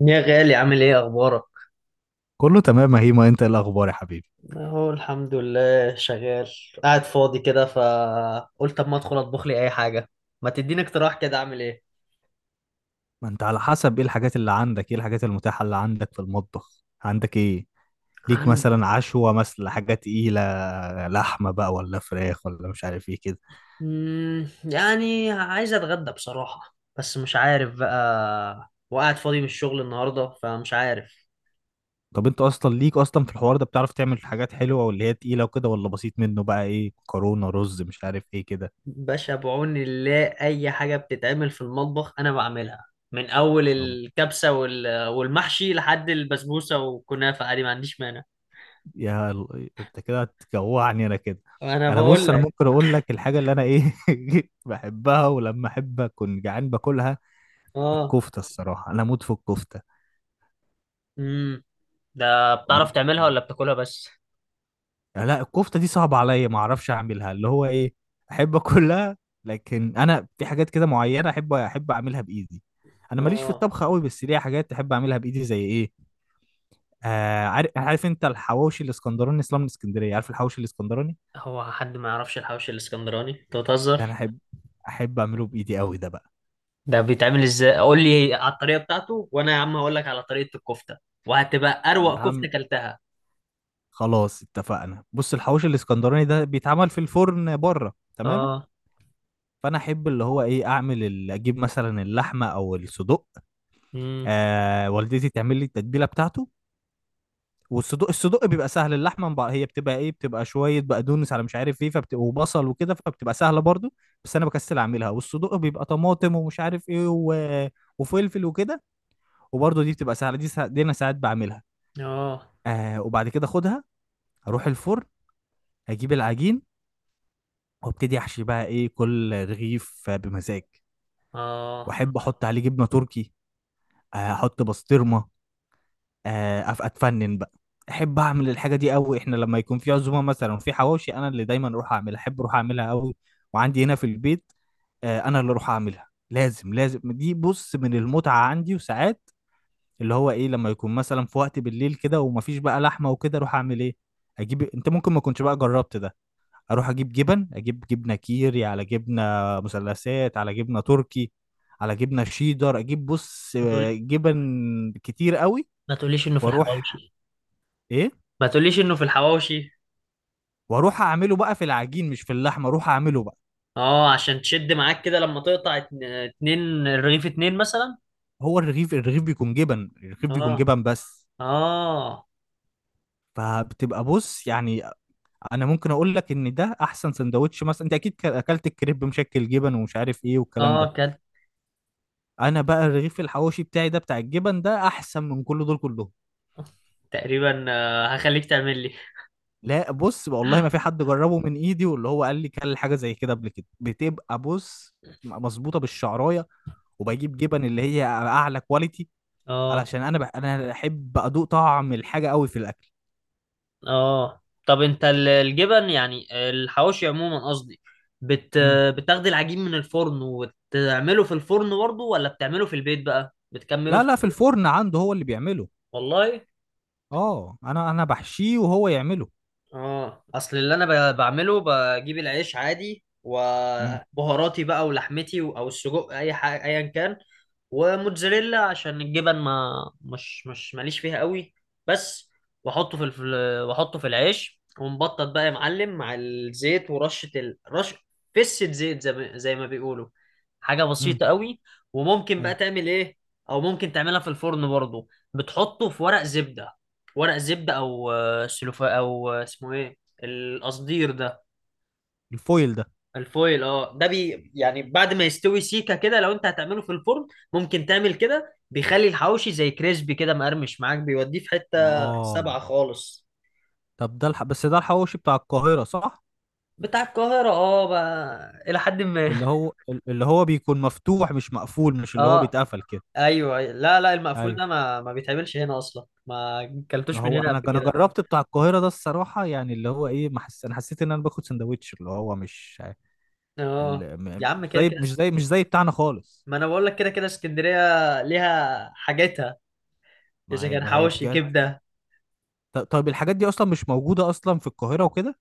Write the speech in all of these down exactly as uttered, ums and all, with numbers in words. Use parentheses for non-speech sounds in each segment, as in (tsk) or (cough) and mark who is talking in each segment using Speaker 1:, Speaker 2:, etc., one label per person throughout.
Speaker 1: يا غالي، عامل ايه؟ اخبارك.
Speaker 2: كله تمام، هي ما انت ايه الاخبار يا حبيبي؟
Speaker 1: اهو الحمد لله شغال. قاعد فاضي كده، فقلت طب ما ادخل اطبخ لي اي حاجه. ما تديني اقتراح كده، اعمل ايه؟
Speaker 2: ما انت على حسب ايه الحاجات اللي عندك، ايه الحاجات المتاحة اللي عندك في المطبخ؟ عندك ايه؟ ليك
Speaker 1: عن...
Speaker 2: مثلا عشوة، مثلا حاجة تقيلة؟ لحمة بقى ولا فراخ ولا مش عارف ايه كده.
Speaker 1: مم، يعني عايز اتغدى بصراحه، بس مش عارف بقى، وقاعد فاضي من الشغل النهارده، فمش عارف.
Speaker 2: طب انت اصلا ليك اصلا في الحوار ده؟ بتعرف تعمل حاجات حلوة واللي هي تقيلة وكده ولا بسيط منه بقى، ايه، مكرونة رز مش عارف ايه كده.
Speaker 1: باشا، بعون الله اي حاجه بتتعمل في المطبخ انا بعملها. من اول
Speaker 2: طب
Speaker 1: الكبسه وال... والمحشي لحد البسبوسه والكنافه، عادي ما عنديش مانع.
Speaker 2: يا ال- انت كده هتجوعني انا كده.
Speaker 1: انا
Speaker 2: انا
Speaker 1: بقول
Speaker 2: بص انا
Speaker 1: لك.
Speaker 2: ممكن اقول لك الحاجه اللي انا ايه (laughs) بحبها، ولما احب اكون جعان باكلها.
Speaker 1: اه.
Speaker 2: الكفته، الصراحه انا اموت في الكفته.
Speaker 1: امم. ده
Speaker 2: دي
Speaker 1: بتعرف تعملها ولا بتاكلها بس؟
Speaker 2: لا الكفته دي صعبه عليا، ما اعرفش اعملها اللي هو ايه. احب اكلها. لكن انا في حاجات كده معينه احب احب اعملها بايدي. انا ماليش في
Speaker 1: اه.
Speaker 2: الطبخ قوي، بس ليا حاجات احب اعملها بايدي، زي ايه. آه عارف عارف، انت الحواوشي الاسكندراني اصلا من اسكندريه، عارف الحواوشي الاسكندراني.
Speaker 1: هو حد ما يعرفش الحوش الاسكندراني؟ انت
Speaker 2: ده انا
Speaker 1: بتهزر.
Speaker 2: احب احب اعمله بايدي قوي ده بقى.
Speaker 1: ده بيتعمل ازاي؟ قول لي على الطريقه بتاعته، وانا يا عم هقول لك على طريقه الكفته، وهتبقى
Speaker 2: يا
Speaker 1: اروق
Speaker 2: عم
Speaker 1: كفته كلتها.
Speaker 2: خلاص اتفقنا. بص، الحواوشي الاسكندراني ده بيتعمل في الفرن بره، تمام.
Speaker 1: اه.
Speaker 2: فانا احب اللي هو ايه، اعمل ال- اجيب مثلا اللحمه او الصدوق.
Speaker 1: امم.
Speaker 2: آه، والدتي تعمل لي التتبيله بتاعته. والصدوق الصدوق بيبقى سهل. اللحمه مبقى هي بتبقى ايه، بتبقى شويه بقدونس على مش عارف ايه، فبتبقى وبصل وكده، فبتبقى سهله برضو. بس انا بكسل اعملها. والصدوق بيبقى طماطم ومش عارف ايه و... وفلفل وكده. وبرضو دي بتبقى سهله، دي, سا... دي انا ساعات بعملها.
Speaker 1: اه.
Speaker 2: آه، وبعد كده اخدها، اروح الفرن، اجيب العجين، وابتدي احشي بقى ايه، كل رغيف بمزاج.
Speaker 1: اه.
Speaker 2: واحب احط عليه جبنه تركي. آه، احط بسطرمه. آه، أف- اتفنن بقى. احب اعمل الحاجه دي قوي، احنا لما يكون في عزومه مثلا وفي حواوشي، انا اللي دايما اروح اعملها، احب اروح اعملها قوي. وعندي هنا في البيت، آه، انا اللي اروح اعملها لازم لازم. دي بص من المتعه عندي. وساعات اللي هو ايه لما يكون مثلا في وقت بالليل كده ومفيش بقى لحمه وكده، اروح اعمل ايه، اجيب، انت ممكن ما كنتش بقى جربت ده، اروح اجيب جبن، اجيب جبنه كيري، على جبنه مثلثات، على جبنه تركي، على جبنه شيدر. اجيب بص
Speaker 1: ما
Speaker 2: آه،
Speaker 1: تقول.
Speaker 2: جبن كتير قوي.
Speaker 1: ما تقوليش انه في
Speaker 2: واروح،
Speaker 1: الحواوشي.
Speaker 2: ايه،
Speaker 1: ما تقوليش انه في الحواوشي.
Speaker 2: واروح اعمله بقى في العجين مش في اللحمه، اروح اعمله بقى.
Speaker 1: اه، عشان تشد معاك كده لما تقطع اتن- اتنين الرغيف، اتنين مثلا.
Speaker 2: هو الرغيف الرغيف بيكون جبن، الرغيف بيكون
Speaker 1: اه.
Speaker 2: جبن بس.
Speaker 1: اه.
Speaker 2: فبتبقى بص يعني. انا ممكن اقول لك ان ده احسن سندوتش، مثلا انت اكيد ك- اكلت الكريب مشكل جبن ومش عارف ايه والكلام ده.
Speaker 1: اه، كانت.
Speaker 2: انا بقى الرغيف الحواوشي بتاعي ده بتاع الجبن ده احسن من كل دول كلهم.
Speaker 1: تقريبا. آه، هخليك تعمل لي.
Speaker 2: لا بص، والله ما في حد جربه من ايدي واللي هو قال لي كل حاجه زي كده قبل كده بتبقى بص، مظبوطه بالشعرايه، وبجيب جبن اللي هي اعلى كواليتي،
Speaker 1: اه.
Speaker 2: علشان انا بح... انا احب ادوق طعم الحاجه قوي في الاكل.
Speaker 1: اه، طب انت ال- الجبن، يعني الحواوشي عموما قصدي. بت...
Speaker 2: مم.
Speaker 1: بتاخد العجين من الفرن وتعمله في الفرن برضه، ولا بتعمله في البيت؟ بقى بتكمله
Speaker 2: لا
Speaker 1: في
Speaker 2: لا، في
Speaker 1: البيت.
Speaker 2: الفرن عنده هو اللي بيعمله.
Speaker 1: والله.
Speaker 2: اه، انا انا بحشيه وهو يعمله.
Speaker 1: اه، اصل اللي انا ب- بعمله، بجيب العيش عادي
Speaker 2: مم.
Speaker 1: وبهاراتي بقى ولحمتي و- او السجق، اي حاجه ايا كان. وموتزاريلا عشان الجبن. ما مش مش ماليش فيها قوي. بس واحطه في الف... واحطه في العيش، ومبطط بقى يا معلم مع الزيت، ورشه ال... رش فسه زيت، زي ما... زي ما بيقولوا. حاجه
Speaker 2: مم.
Speaker 1: بسيطه قوي. وممكن بقى
Speaker 2: ايوه.
Speaker 1: تعمل ايه. او ممكن تعملها في الفرن برضو. بتحطه في ورق زبده. ورق زبدة، او آه، سلوفا، او آه، اسمه ايه، القصدير ده.
Speaker 2: الفويل ده.
Speaker 1: الفويل، اه، ده بي يعني بعد ما يستوي سيكة كده، لو انت هتعمله في الفرن ممكن تعمل كده، بيخلي الحواوشي زي كريسبي كده، مقرمش معاك، بيوديه في حتة
Speaker 2: اه
Speaker 1: سبعة خالص.
Speaker 2: طب ده الح... بس ده الحواوشي بتاع القاهرة صح؟
Speaker 1: بتاع القاهرة، اه، بقى إلى حد ما.
Speaker 2: اللي هو (laughs) اللي هو بيكون مفتوح مش مقفول، مش
Speaker 1: (laughs)
Speaker 2: اللي هو
Speaker 1: اه.
Speaker 2: بيتقفل كده.
Speaker 1: ايوه. لا لا، المقفول
Speaker 2: ايوه.
Speaker 1: ده ما ما بيتعملش هنا اصلا، ما كلتوش من
Speaker 2: هو
Speaker 1: هنا
Speaker 2: انا
Speaker 1: قبل
Speaker 2: انا
Speaker 1: كده.
Speaker 2: جربت بتاع القاهرة ده الصراحة، يعني اللي هو ايه، ما حس... انا حسيت ان انا باخد سندوتش اللي هو مش
Speaker 1: اه.
Speaker 2: ال-
Speaker 1: يا
Speaker 2: م-
Speaker 1: عم،
Speaker 2: مش
Speaker 1: كده
Speaker 2: زي
Speaker 1: كده.
Speaker 2: مش زي مش زي بتاعنا خالص.
Speaker 1: ما انا بقول لك كده كده، اسكندرية ليها حاجتها.
Speaker 2: ما
Speaker 1: اذا
Speaker 2: هي
Speaker 1: كان
Speaker 2: ما هي
Speaker 1: حواوشي
Speaker 2: بجد.
Speaker 1: كبدة.
Speaker 2: ط- طيب الحاجات دي اصلا مش موجوده اصلا في القاهره وكده.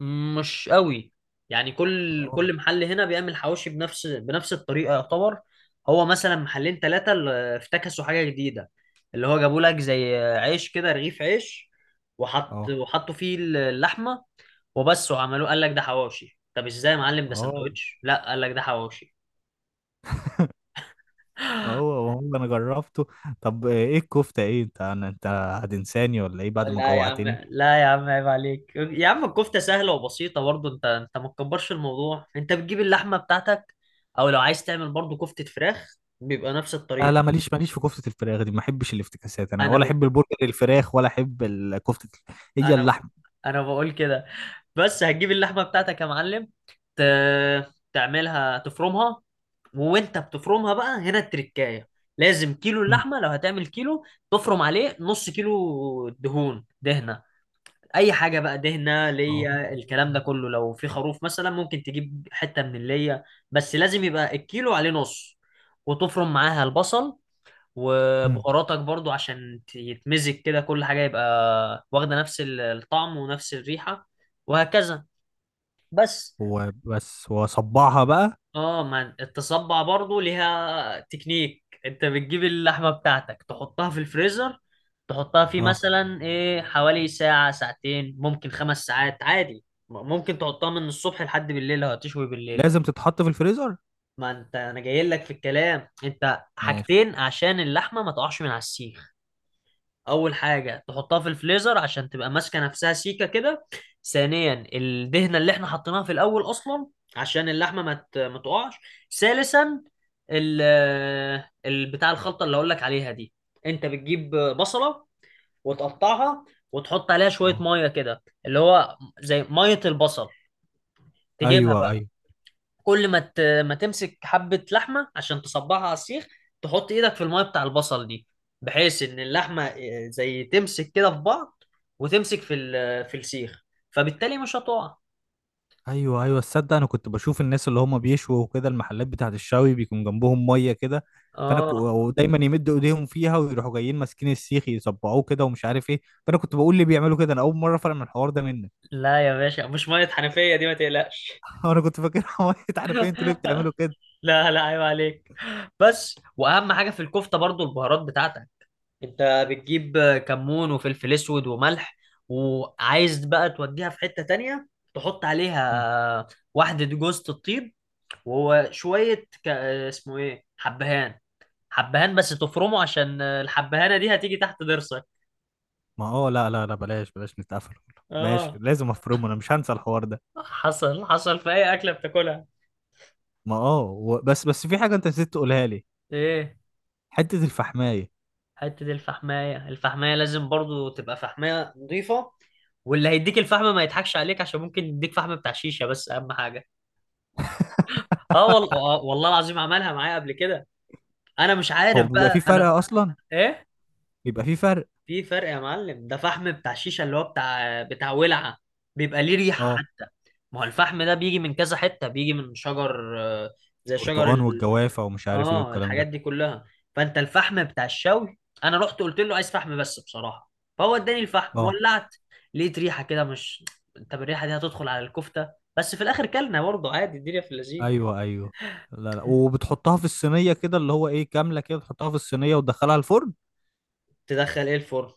Speaker 1: مش قوي، يعني كل
Speaker 2: اه.
Speaker 1: كل محل هنا بيعمل حواوشي بنفس بنفس الطريقه يعتبر. هو مثلا محلين ثلاثه افتكسوا حاجه جديده، اللي هو جابوا لك زي عيش كده، رغيف عيش، وحط
Speaker 2: اه.
Speaker 1: وحطوا فيه اللحمه وبس، وعملوه، قال لك ده حواوشي. طب ازاي يا معلم؟ ده
Speaker 2: اه.
Speaker 1: سندوتش. لا، قال لك ده حواوشي.
Speaker 2: ما هو ما هو انا جربته. طب ايه الكفته، ايه، انت انا انت هتنساني ولا ايه بعد ما
Speaker 1: لا يا عم،
Speaker 2: جوعتني؟
Speaker 1: لا يا عم، عيب عليك يا عم. الكفته سهله وبسيطه برضه. انت انت ما تكبرش الموضوع. انت بتجيب اللحمه بتاعتك، او لو عايز تعمل برضه كفته فراخ بيبقى نفس
Speaker 2: لا
Speaker 1: الطريقه.
Speaker 2: لا، ماليش ماليش في كفته الفراخ دي، ما احبش الافتكاسات انا،
Speaker 1: انا
Speaker 2: ولا
Speaker 1: بقول
Speaker 2: احب البرجر الفراخ، ولا احب ال- كفته ال- هي
Speaker 1: انا بقول
Speaker 2: اللحمه.
Speaker 1: انا بقول كده. بس هتجيب اللحمه بتاعتك يا معلم. ت... تعملها، تفرمها. وانت بتفرمها بقى هنا، التركايه لازم كيلو
Speaker 2: مم.
Speaker 1: اللحمه، لو هتعمل كيلو تفرم عليه نص كيلو دهون، دهنه اي حاجه بقى، دهنه
Speaker 2: اه.
Speaker 1: ليا الكلام ده كله، لو في خروف مثلا ممكن تجيب حته من الليا. بس لازم يبقى الكيلو عليه نص. وتفرم معاها البصل
Speaker 2: مم.
Speaker 1: وبهاراتك برضو، عشان ت- يتمزج كده، كل حاجة يبقى واخدة نفس ال- الطعم ونفس الريحة، وهكذا. بس.
Speaker 2: وبس، واصبعها بقى.
Speaker 1: اه، ما التصبع برضو ليها تكنيك. انت بتجيب اللحمة بتاعتك، تحطها في الفريزر، تحطها فيه
Speaker 2: اه،
Speaker 1: مثلا ايه حوالي ساعة، ساعتين، ممكن خمس ساعات عادي، م- ممكن تحطها من الصبح لحد بالليل لو هتشوي بالليل.
Speaker 2: لازم تتحط في الفريزر.
Speaker 1: ما انت انا جاي لك في الكلام. انت
Speaker 2: ماشي.
Speaker 1: حاجتين عشان اللحمة ما تقعش من على السيخ: اول حاجه تحطها في الفليزر عشان تبقى ماسكه نفسها سيكه كده. ثانيا، الدهنه اللي احنا حطيناها في الاول اصلا، عشان اللحمه ما ت- ما تقعش. ثالثا، ال ال- بتاع الخلطه اللي اقول لك عليها دي: انت بتجيب بصله، وتقطعها، وتحط عليها شويه
Speaker 2: اه
Speaker 1: ميه كده، اللي هو زي ميه البصل. تجيبها،
Speaker 2: ايوه ايوه.
Speaker 1: كل ما ت... ما تمسك حبة لحمة عشان تصبعها على السيخ، تحط ايدك في المية بتاع البصل دي، بحيث ان اللحمة آه، زي تمسك كده في بعض، وتمسك في ال... في السيخ. فبالتالي مش هتقع.
Speaker 2: ايوه ايوه، تصدق انا كنت بشوف الناس اللي هم بيشوا وكده المحلات بتاعت الشوي بيكون جنبهم ميه كده. فانا ك...
Speaker 1: اه.
Speaker 2: ودايما يمدوا ايديهم فيها ويروحوا جايين ماسكين السيخ يصبعوه كده ومش عارف ايه. فانا كنت بقول ليه بيعملوا كده، انا اول مره افهم الحوار ده منك.
Speaker 1: لا يا باشا، مش مية حنفية دي، ما تقلقش.
Speaker 2: (laughs) انا كنت فاكرها ميه (laughs) عارف ايه انتوا ليه
Speaker 1: (laughs)
Speaker 2: بتعملوا كده.
Speaker 1: لا لا، عيب عليك. بس، واهم حاجة في الكفتة برضو البهارات بتاعتك. انت بتجيب كمون وفلفل اسود وملح. وعايز بقى توديها في حتة تانية، تحط
Speaker 2: مم.
Speaker 1: عليها واحدة جوزة الطيب، وهو شوية ك... اسمه ايه، حبهان. حبهان، بس تفرمه عشان الحبهانة دي هتيجي تحت ضرسك.
Speaker 2: ما اه لا لا لا، بلاش بلاش نتقفل والله. ماشي،
Speaker 1: اه،
Speaker 2: لازم افرمه، انا مش هنسى الحوار ده.
Speaker 1: حصل حصل في اي اكلة بتاكلها.
Speaker 2: ما اه و... بس بس في حاجه انت نسيت تقولها لي.
Speaker 1: ايه؟
Speaker 2: حته الفحمايه.
Speaker 1: حتة الفحماية. الفحماية لازم برضو تبقى فحماية نظيفة، واللي هيديك الفحم ما يضحكش عليك، عشان ممكن يديك فحم بتاع شيشة. بس اهم حاجة. اه والله. آه، والله العظيم عملها معايا قبل كده. انا مش
Speaker 2: هو
Speaker 1: عارف
Speaker 2: بيبقى
Speaker 1: بقى،
Speaker 2: في فرق
Speaker 1: انا.
Speaker 2: اصلا؟
Speaker 1: ايه؟
Speaker 2: بيبقى في فرق.
Speaker 1: في فرق يا معلم، ده فحم بتاع الشيشه، اللي هو بتاع بتاع ولعه، بيبقى ليه ريحه
Speaker 2: اه.
Speaker 1: حتى. ما هو الفحم ده بيجي من كذا حته، بيجي من شجر، آه، زي شجر
Speaker 2: البرتقال
Speaker 1: ال...
Speaker 2: والجوافه ومش عارف ايه
Speaker 1: اه،
Speaker 2: والكلام
Speaker 1: الحاجات
Speaker 2: ده.
Speaker 1: دي كلها. فانت الفحم بتاع الشوي، انا رحت قلت له عايز فحم بس بصراحه، فهو اداني الفحم،
Speaker 2: اه
Speaker 1: ولعت، لقيت ريحه كده مش. (tsk) انت بالريحه دي هتدخل على الكفته. بس في الاخر كلنا برضه عادي، الدنيا في اللذيذ.
Speaker 2: ايوه ايوه. لا لا، وبتحطها في الصينيه كده اللي هو ايه كامله كده، بتحطها في الصينيه وتدخلها الفرن.
Speaker 1: تدخل ايه الفرن؟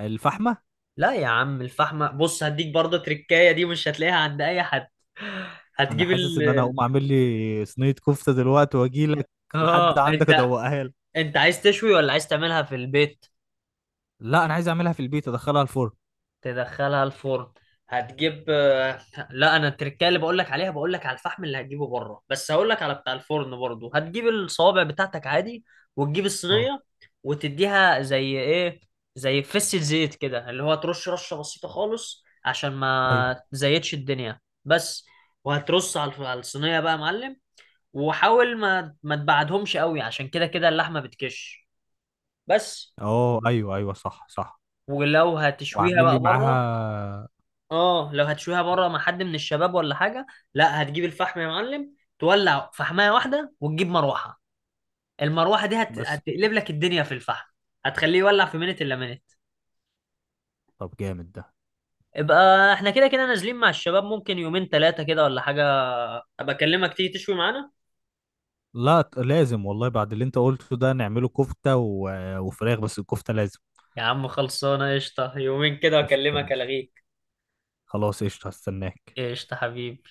Speaker 2: الفحمه.
Speaker 1: لا يا عم، الفحمة بص هديك برضه تركاية دي، مش هتلاقيها عند اي حد.
Speaker 2: انا
Speaker 1: هتجيب
Speaker 2: حاسس ان انا
Speaker 1: ال-
Speaker 2: هقوم اعمل لي صينيه كفته دلوقتي واجي لك لحد
Speaker 1: اه. (laughs)
Speaker 2: عندك
Speaker 1: انت،
Speaker 2: ادوقها لك.
Speaker 1: انت عايز تشوي ولا عايز تعملها في البيت؟
Speaker 2: لا انا عايز اعملها في البيت ادخلها الفرن.
Speaker 1: تدخلها الفرن. هتجيب آه، لا، انا التركية اللي بقول لك عليها، بقول لك على الفحم اللي هتجيبه بره. بس هقول لك على بتاع الفرن برضو. هتجيب الصوابع بتاعتك عادي، وتجيب
Speaker 2: اه
Speaker 1: الصينية، وتديها زي ايه، زي فسة زيت كده، اللي هو ترش رشة بسيطة خالص، عشان
Speaker 2: ايوه.
Speaker 1: ما تزيتش الدنيا. بس. وهترص على الف- على الصينية بقى يا معلم، وحاول ما ما تبعدهمش قوي، عشان كده كده اللحمة بتكش. بس.
Speaker 2: اه ايوه ايوه صح صح.
Speaker 1: ولو هتشويها
Speaker 2: واعمل لي
Speaker 1: بقى بره،
Speaker 2: معاها.
Speaker 1: اه لو هتشويها بره مع حد من الشباب ولا حاجه، لا هتجيب الفحم يا معلم، تولع فحمايه واحده، وتجيب مروحه. المروحه دي هت...
Speaker 2: بس كده.
Speaker 1: هتقلب لك الدنيا في الفحم، هتخليه يولع في منت الا منت.
Speaker 2: طب جامد ده.
Speaker 1: يبقى احنا كده كده نازلين مع الشباب ممكن يومين ثلاثه كده ولا حاجه، ابقى اكلمك تيجي تشوي معانا.
Speaker 2: لا ت- لازم والله، بعد اللي انت قلته ده نعمله كفته و... وفراخ، بس الكفته لازم.
Speaker 1: يا عم خلصانه، قشطه، يومين كده
Speaker 2: قشطه
Speaker 1: واكلمك
Speaker 2: ماشي.
Speaker 1: الغيك.
Speaker 2: خلاص قشطه هستناك.
Speaker 1: قشطه حبيبي.